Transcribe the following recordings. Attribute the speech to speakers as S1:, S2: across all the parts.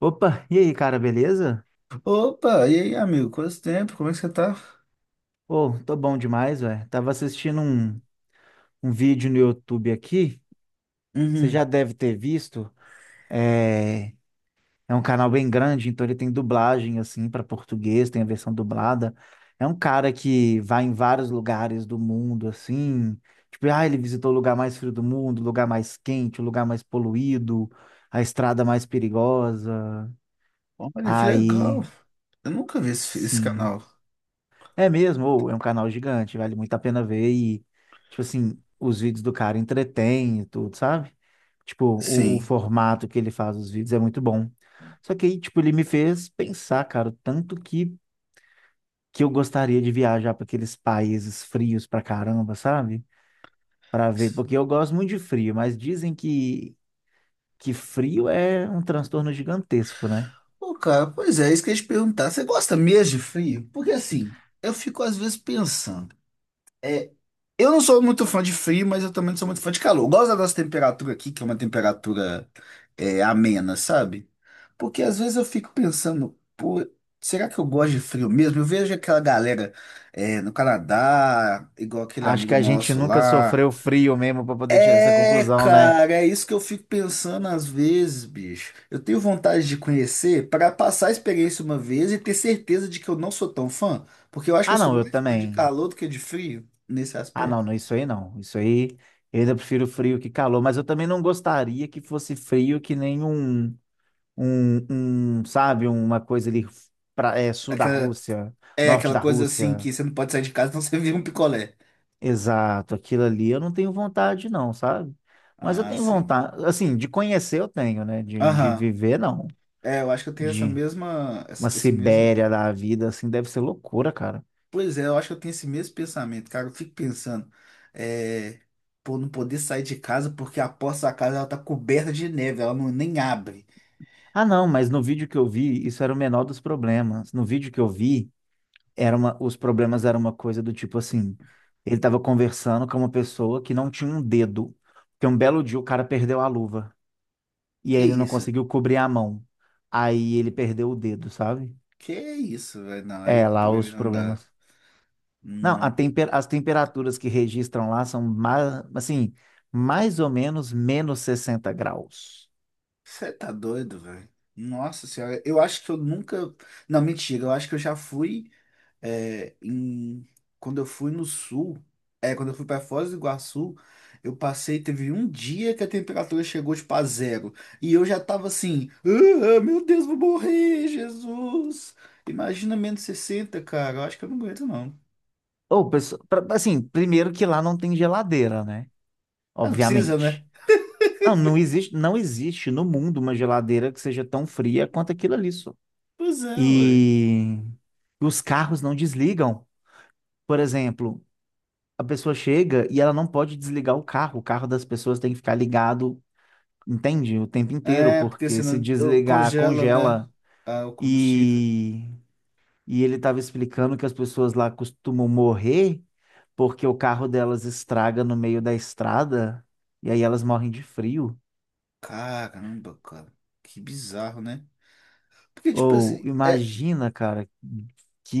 S1: Opa, e aí, cara, beleza?
S2: Opa, e aí, amigo? Quanto tempo? Como é que você tá?
S1: Ô, tô bom demais, velho. Tava assistindo um vídeo no YouTube aqui, você já
S2: Uhum.
S1: deve ter visto. É, é um canal bem grande, então ele tem dublagem, assim, para português, tem a versão dublada. É um cara que vai em vários lugares do mundo, assim. Tipo, ele visitou o lugar mais frio do mundo, o lugar mais quente, o lugar mais poluído, a estrada mais perigosa.
S2: Olha, que legal.
S1: Aí,
S2: Eu nunca vi esse
S1: sim.
S2: canal.
S1: É mesmo, ou é um canal gigante, vale muito a pena ver e, tipo assim, os vídeos do cara entretêm e tudo, sabe? Tipo, o
S2: Sim.
S1: formato que ele faz os vídeos é muito bom. Só que aí, tipo, ele me fez pensar, cara, o tanto que eu gostaria de viajar para aqueles países frios pra caramba, sabe? Pra ver, porque eu gosto muito de frio, mas dizem que frio é um transtorno gigantesco, né?
S2: Pô, cara, pois é, isso que eu ia te perguntar. Você gosta mesmo de frio? Porque assim, eu fico às vezes pensando. É, Eu não sou muito fã de frio, mas eu também não sou muito fã de calor. Eu gosto da nossa temperatura aqui, que é uma temperatura amena, sabe? Porque às vezes eu fico pensando, pô, será que eu gosto de frio mesmo? Eu vejo aquela galera no Canadá, igual aquele
S1: Acho que
S2: amigo
S1: a gente
S2: nosso
S1: nunca
S2: lá.
S1: sofreu frio mesmo para poder tirar essa
S2: É,
S1: conclusão, né?
S2: cara, é isso que eu fico pensando às vezes, bicho. Eu tenho vontade de conhecer para passar a experiência uma vez e ter certeza de que eu não sou tão fã, porque eu acho que eu
S1: Ah,
S2: sou
S1: não, eu
S2: mais fã de
S1: também.
S2: calor do que de frio nesse
S1: Ah, não,
S2: aspecto.
S1: não, isso aí não. Isso aí eu ainda prefiro frio que calor, mas eu também não gostaria que fosse frio que nem um, sabe, uma coisa ali sul da
S2: Aquela-
S1: Rússia,
S2: É
S1: norte
S2: aquela
S1: da
S2: coisa assim
S1: Rússia.
S2: que você não pode sair de casa, não, você vira um picolé.
S1: Exato, aquilo ali eu não tenho vontade, não, sabe? Mas eu
S2: Ah,
S1: tenho
S2: sim.
S1: vontade, assim, de conhecer eu tenho, né? De
S2: Aham.
S1: viver, não.
S2: É, eu acho que eu tenho essa
S1: De
S2: mesma. Esse
S1: uma
S2: esse mesmo.
S1: Sibéria da vida, assim, deve ser loucura, cara.
S2: Pois é, eu acho que eu tenho esse mesmo pensamento, cara. Eu fico pensando. É, Pô, não poder sair de casa porque a porta da casa ela tá coberta de neve, ela não, nem abre.
S1: Ah, não, mas no vídeo que eu vi, isso era o menor dos problemas. No vídeo que eu vi, os problemas eram uma coisa do tipo assim, ele estava conversando com uma pessoa que não tinha um dedo, porque um belo dia o cara perdeu a luva e
S2: Que
S1: aí ele não
S2: isso?
S1: conseguiu cobrir a mão. Aí ele perdeu o dedo, sabe?
S2: Que isso, velho? Não,
S1: É,
S2: aí
S1: lá os
S2: não dá.
S1: problemas. Não,
S2: Não.
S1: as temperaturas que registram lá são, mais, assim, mais ou menos, menos 60 graus.
S2: Você tá doido, velho? Nossa senhora, eu acho que eu nunca. Não, mentira, eu acho que eu já fui. é, em- quando eu fui no sul, quando eu fui para Foz do Iguaçu, eu passei, teve um dia que a temperatura chegou tipo a zero. E eu já tava assim, "Ah, meu Deus, vou morrer, Jesus." Imagina -60, cara. Eu acho que eu não aguento, não.
S1: Assim, primeiro que lá não tem geladeira, né?
S2: Ah, não precisa,
S1: Obviamente.
S2: né?
S1: Não, não existe, não existe no mundo uma geladeira que seja tão fria quanto aquilo ali, só.
S2: Pois é, ué.
S1: E os carros não desligam. Por exemplo, a pessoa chega e ela não pode desligar o carro. O carro das pessoas tem que ficar ligado, entende? O tempo inteiro,
S2: É, porque
S1: porque se
S2: senão
S1: desligar,
S2: congela, né?
S1: congela.
S2: Ah, o combustível.
S1: E, e ele estava explicando que as pessoas lá costumam morrer porque o carro delas estraga no meio da estrada e aí elas morrem de frio.
S2: Caramba, cara. Que bizarro, né? Porque, tipo
S1: Ou
S2: assim,
S1: imagina, cara,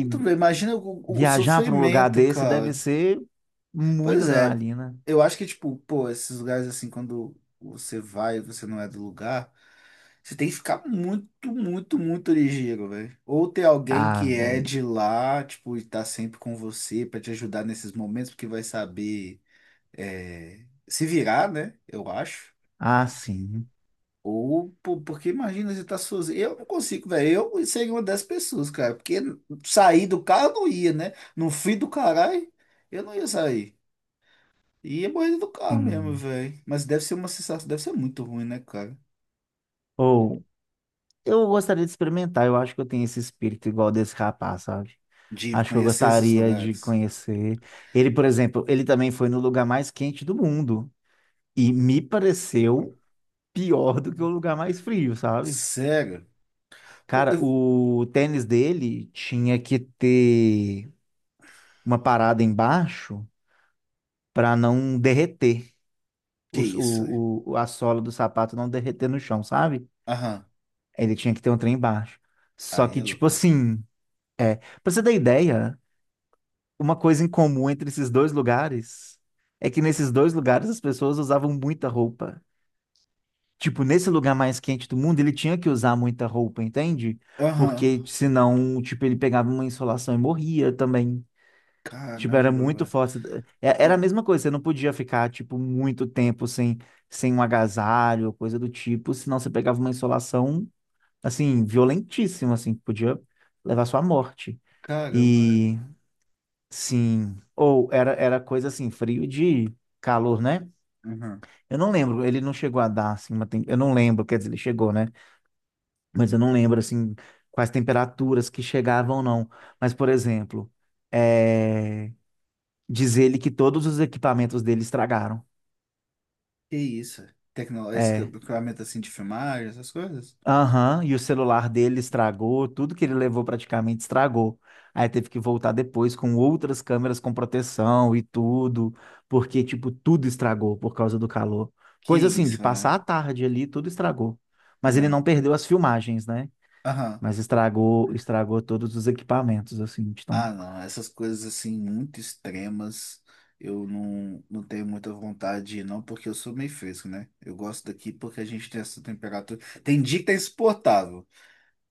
S2: tudo bem, imagina o
S1: viajar para um lugar
S2: sofrimento,
S1: desse deve
S2: cara.
S1: ser muita
S2: Pois é,
S1: adrenalina.
S2: eu acho que, tipo, pô, esses lugares assim, quando você vai e você não é do lugar, você tem que ficar muito, muito, muito ligeiro, velho. Ou ter alguém
S1: Ah,
S2: que é
S1: bem.
S2: de lá, tipo, e tá sempre com você pra te ajudar nesses momentos, porque vai saber é, se virar, né? Eu acho.
S1: Ah, sim.
S2: Ou, pô, porque imagina, você tá sozinho. Eu não consigo, velho. Eu seria uma dessas pessoas, cara. Porque sair do carro eu não ia, né? No fim do caralho, eu não ia sair. E é borrida do carro mesmo,
S1: Sim.
S2: velho. Mas deve ser uma sensação, deve ser muito ruim, né, cara?
S1: Ou eu gostaria de experimentar. Eu acho que eu tenho esse espírito igual desse rapaz, sabe?
S2: De
S1: Acho que eu
S2: conhecer esses
S1: gostaria de
S2: lugares.
S1: conhecer. Ele, por exemplo, ele também foi no lugar mais quente do mundo e me pareceu pior do que o lugar mais frio, sabe?
S2: Sério? Pô,
S1: Cara, o tênis dele tinha que ter uma parada embaixo para não derreter
S2: Que isso, velho?
S1: a sola do sapato não derreter no chão, sabe?
S2: Aham.
S1: Ele tinha que ter um trem embaixo. Só
S2: Aí
S1: que,
S2: é
S1: tipo
S2: loucura.
S1: assim, pra você ter ideia, uma coisa em comum entre esses dois lugares é que nesses dois lugares as pessoas usavam muita roupa. Tipo, nesse lugar mais quente do mundo, ele tinha que usar muita roupa, entende?
S2: Aham.
S1: Porque senão, tipo, ele pegava uma insolação e morria também. Tipo, era
S2: Caramba,
S1: muito
S2: velho.
S1: forte. Era a
S2: E-
S1: mesma coisa, você não podia ficar, tipo, muito tempo sem um agasalho, coisa do tipo, senão você pegava uma insolação, assim, violentíssima, assim, que podia levar à sua morte.
S2: Caramba.
S1: E, sim, ou era, era coisa assim, frio de calor, né?
S2: Aham.
S1: Eu não lembro, ele não chegou a dar, assim, eu não lembro, quer dizer, ele chegou, né? Mas eu não lembro, assim, quais temperaturas que chegavam, não. Mas, por exemplo, é... diz ele que todos os equipamentos dele estragaram.
S2: Que isso? Tecnológico,
S1: É.
S2: equipamento assim de filmagem, essas coisas?
S1: Aham, e o celular dele estragou, tudo que ele levou praticamente estragou. Aí teve que voltar depois com outras câmeras com proteção e tudo, porque, tipo, tudo estragou por causa do calor.
S2: Que
S1: Coisa assim, de
S2: isso,
S1: passar
S2: velho?
S1: a tarde ali, tudo estragou. Mas ele
S2: Não.
S1: não perdeu as filmagens, né?
S2: Aham.
S1: Mas estragou, estragou todos os equipamentos, assim, então.
S2: Ah, não, essas coisas assim muito extremas, eu não tenho muita vontade, não, porque eu sou meio fresco, né? Eu gosto daqui porque a gente tem essa temperatura. Tem dia que tá insuportável.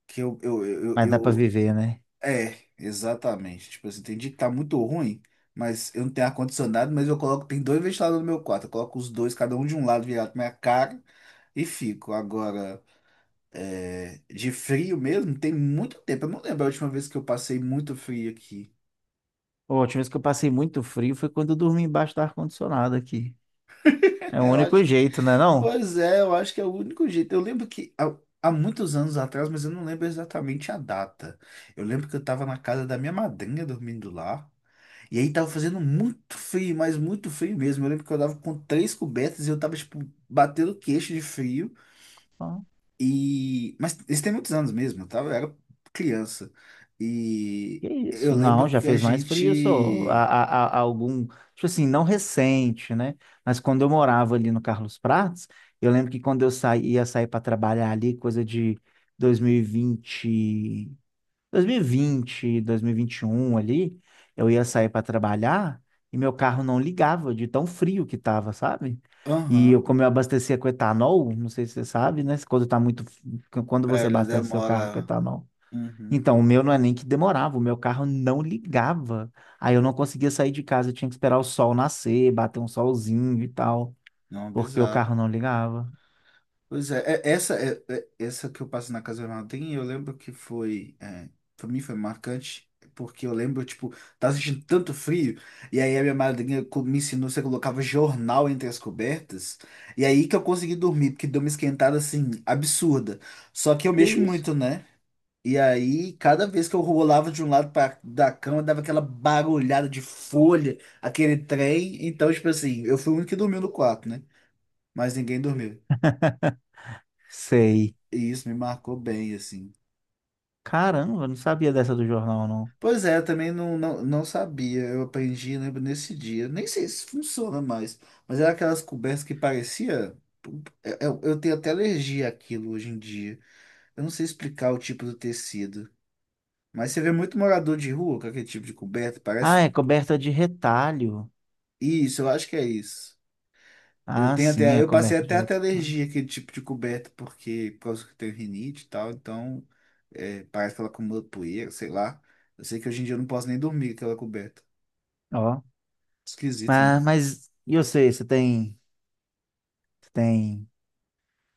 S2: Que
S1: Mas dá pra
S2: eu-
S1: viver, né?
S2: É, exatamente. Tipo assim, tem dia que tá muito ruim, mas eu não tenho ar-condicionado, mas eu coloco, tem dois ventiladores no meu quarto, eu coloco os dois, cada um de um lado virado pra minha cara e fico. Agora, de frio mesmo, tem muito tempo. Eu não lembro a última vez que eu passei muito frio aqui.
S1: Pô, a última vez que eu passei muito frio foi quando eu dormi embaixo do ar-condicionado aqui. É o
S2: Eu
S1: único
S2: acho.
S1: jeito, né, não?
S2: Pois é, eu acho que é o único jeito. Eu lembro que há muitos anos atrás, mas eu não lembro exatamente a data. Eu lembro que eu tava na casa da minha madrinha dormindo lá. E aí tava fazendo muito frio, mas muito frio mesmo. Eu lembro que eu tava com três cobertas e eu tava, tipo, batendo queixo de frio.
S1: Ah,
S2: E... Mas isso tem muitos anos mesmo, eu tava, eu era criança. E
S1: que
S2: eu
S1: isso? Não,
S2: lembro
S1: já
S2: que a
S1: fez mais frio, só.
S2: gente...
S1: Há algum, tipo assim, não recente, né? Mas quando eu morava ali no Carlos Prates, eu lembro que quando eu saí, ia sair para trabalhar ali, coisa de 2020, 2020, 2021 ali, eu ia sair para trabalhar e meu carro não ligava de tão frio que tava, sabe? E eu,
S2: Aham,
S1: como eu abastecia com etanol, não sei se você sabe, né? Quando você
S2: ele
S1: abastece seu carro com
S2: demora...
S1: etanol.
S2: Uhum.
S1: Então, o meu não é nem que demorava, o meu carro não ligava. Aí eu não conseguia sair de casa, eu tinha que esperar o sol nascer, bater um solzinho e tal,
S2: Não,
S1: porque o
S2: bizarro.
S1: carro não ligava.
S2: Pois é, essa essa que eu passo na Casa Vermelha eu lembro que foi, para mim foi marcante, porque eu lembro, tipo, tava sentindo tanto frio, e aí a minha madrinha me ensinou, você colocava jornal entre as cobertas, e aí que eu consegui dormir, porque deu uma esquentada, assim, absurda. Só que eu
S1: Que
S2: mexo
S1: isso?
S2: muito, né? E aí, cada vez que eu rolava de um lado para da cama, dava aquela barulhada de folha, aquele trem, então, tipo assim, eu fui o único que dormiu no quarto, né? Mas ninguém dormiu.
S1: Sei.
S2: E isso me marcou bem, assim.
S1: Caramba, eu não sabia dessa do jornal, não.
S2: Pois é, eu também não, sabia. Eu aprendi, lembro, nesse dia. Nem sei se funciona mais, mas era aquelas cobertas que parecia. Eu tenho até alergia àquilo hoje em dia. Eu não sei explicar o tipo do tecido. Mas você vê muito morador de rua com aquele tipo de coberta,
S1: Ah,
S2: parece.
S1: é coberta de retalho.
S2: Isso, eu acho que é isso. Eu
S1: Ah,
S2: tenho
S1: sim,
S2: até,
S1: é
S2: eu passei
S1: coberta de
S2: até
S1: retalho.
S2: alergia àquele tipo de coberta, porque por causa que eu tenho rinite e tal, então parece que ela acumula poeira, sei lá. Eu sei que hoje em dia eu não posso nem dormir com aquela coberta.
S1: Ó.
S2: Esquisito, né?
S1: Ah, mas e você, você tem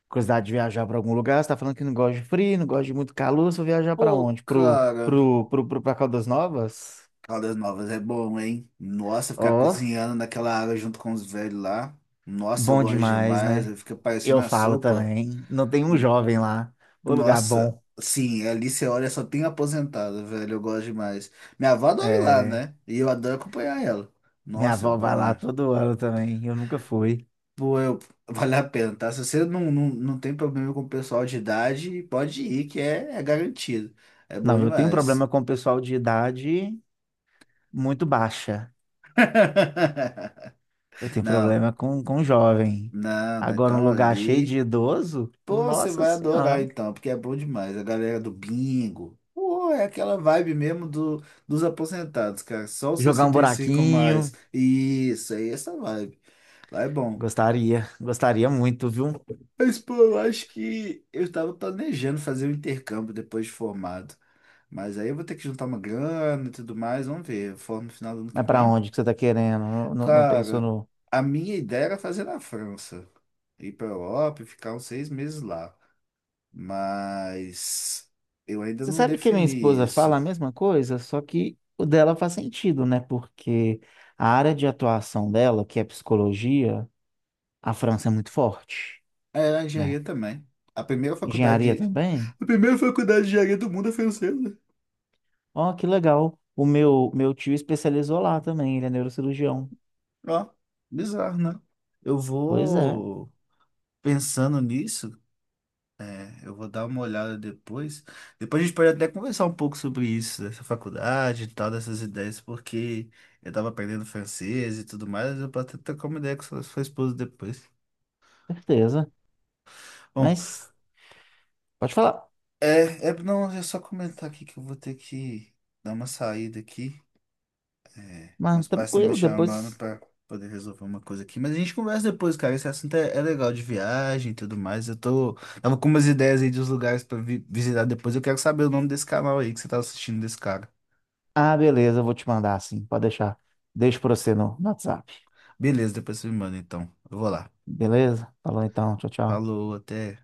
S1: curiosidade de viajar para algum lugar? Você tá falando que não gosta de frio, não gosta de muito calor, você vai viajar para
S2: Pô,
S1: onde? Pro,
S2: cara,
S1: pro, pro, pro, pra Caldas Novas?
S2: Caldas Novas é bom, hein? Nossa, ficar
S1: Ó,
S2: cozinhando naquela água junto com os velhos lá. Nossa, eu
S1: bom
S2: gosto
S1: demais,
S2: demais,
S1: né?
S2: aí fica parecendo
S1: Eu
S2: a
S1: falo
S2: sopa.
S1: também. Não tem um jovem lá. O lugar
S2: Nossa,
S1: bom.
S2: sim, ali você olha, só tem aposentado, velho. Eu gosto demais. Minha avó adora ir lá,
S1: É,
S2: né? E eu adoro acompanhar ela.
S1: minha
S2: Nossa, é
S1: avó vai
S2: bom,
S1: lá
S2: é.
S1: todo ano também. Eu nunca fui.
S2: Pô, eu, vale a pena, tá? Se você não tem problema com o pessoal de idade, pode ir, que é garantido. É bom
S1: Não, eu tenho
S2: demais.
S1: problema com o pessoal de idade muito baixa. Eu tenho
S2: Não,
S1: problema com jovem.
S2: não, não,
S1: Agora, um
S2: então
S1: lugar cheio de
S2: ali.
S1: idoso?
S2: Pô, você
S1: Nossa
S2: vai adorar
S1: Senhora.
S2: então, porque é bom demais. A galera do bingo. Pô, é aquela vibe mesmo dos aposentados, cara. Só os
S1: Jogar um
S2: 65 a
S1: buraquinho?
S2: mais. Isso, aí essa vibe. Lá é bom.
S1: Gostaria. Gostaria muito, viu?
S2: Mas, pô, eu acho que eu tava planejando fazer um intercâmbio depois de formado. Mas aí eu vou ter que juntar uma grana e tudo mais. Vamos ver. Eu formo no final do ano que
S1: Mas pra
S2: vem.
S1: onde que você tá querendo? Não, não, não pensou
S2: Cara,
S1: no.
S2: a minha ideia era fazer na França. Ir pra Europa e ficar uns 6 meses lá. Mas eu ainda
S1: Você
S2: não
S1: sabe que minha
S2: defini
S1: esposa fala
S2: isso.
S1: a mesma coisa, só que o dela faz sentido, né? Porque a área de atuação dela, que é psicologia, a França é muito forte,
S2: É, a
S1: né?
S2: engenharia também. A primeira
S1: Engenharia
S2: faculdade, de-
S1: também.
S2: a primeira faculdade de engenharia do mundo é francesa.
S1: Ó, que legal. O meu, meu tio especializou lá também, ele é neurocirurgião.
S2: Ó, bizarro, né? Eu
S1: Pois é,
S2: vou pensando nisso, eu vou dar uma olhada depois. Depois a gente pode até conversar um pouco sobre isso, dessa faculdade e tal, dessas ideias, porque eu tava aprendendo francês e tudo mais, eu posso até trocar uma ideia com sua esposa depois.
S1: certeza.
S2: Bom,
S1: Mas pode falar.
S2: Não, é só comentar aqui que eu vou ter que dar uma saída aqui.
S1: Mas
S2: Meus pais estão me
S1: tranquilo,
S2: chamando
S1: depois.
S2: pra poder resolver uma coisa aqui. Mas a gente conversa depois, cara. Esse assunto é legal de viagem e tudo mais. Eu tô. Tava com umas ideias aí dos lugares pra visitar depois. Eu quero saber o nome desse canal aí que você tá assistindo desse cara.
S1: Ah, beleza, eu vou te mandar assim, pode deixar. Deixo pra você no WhatsApp.
S2: Beleza, depois você me manda então. Eu vou lá.
S1: Beleza? Falou então, tchau, tchau.
S2: Falou, até.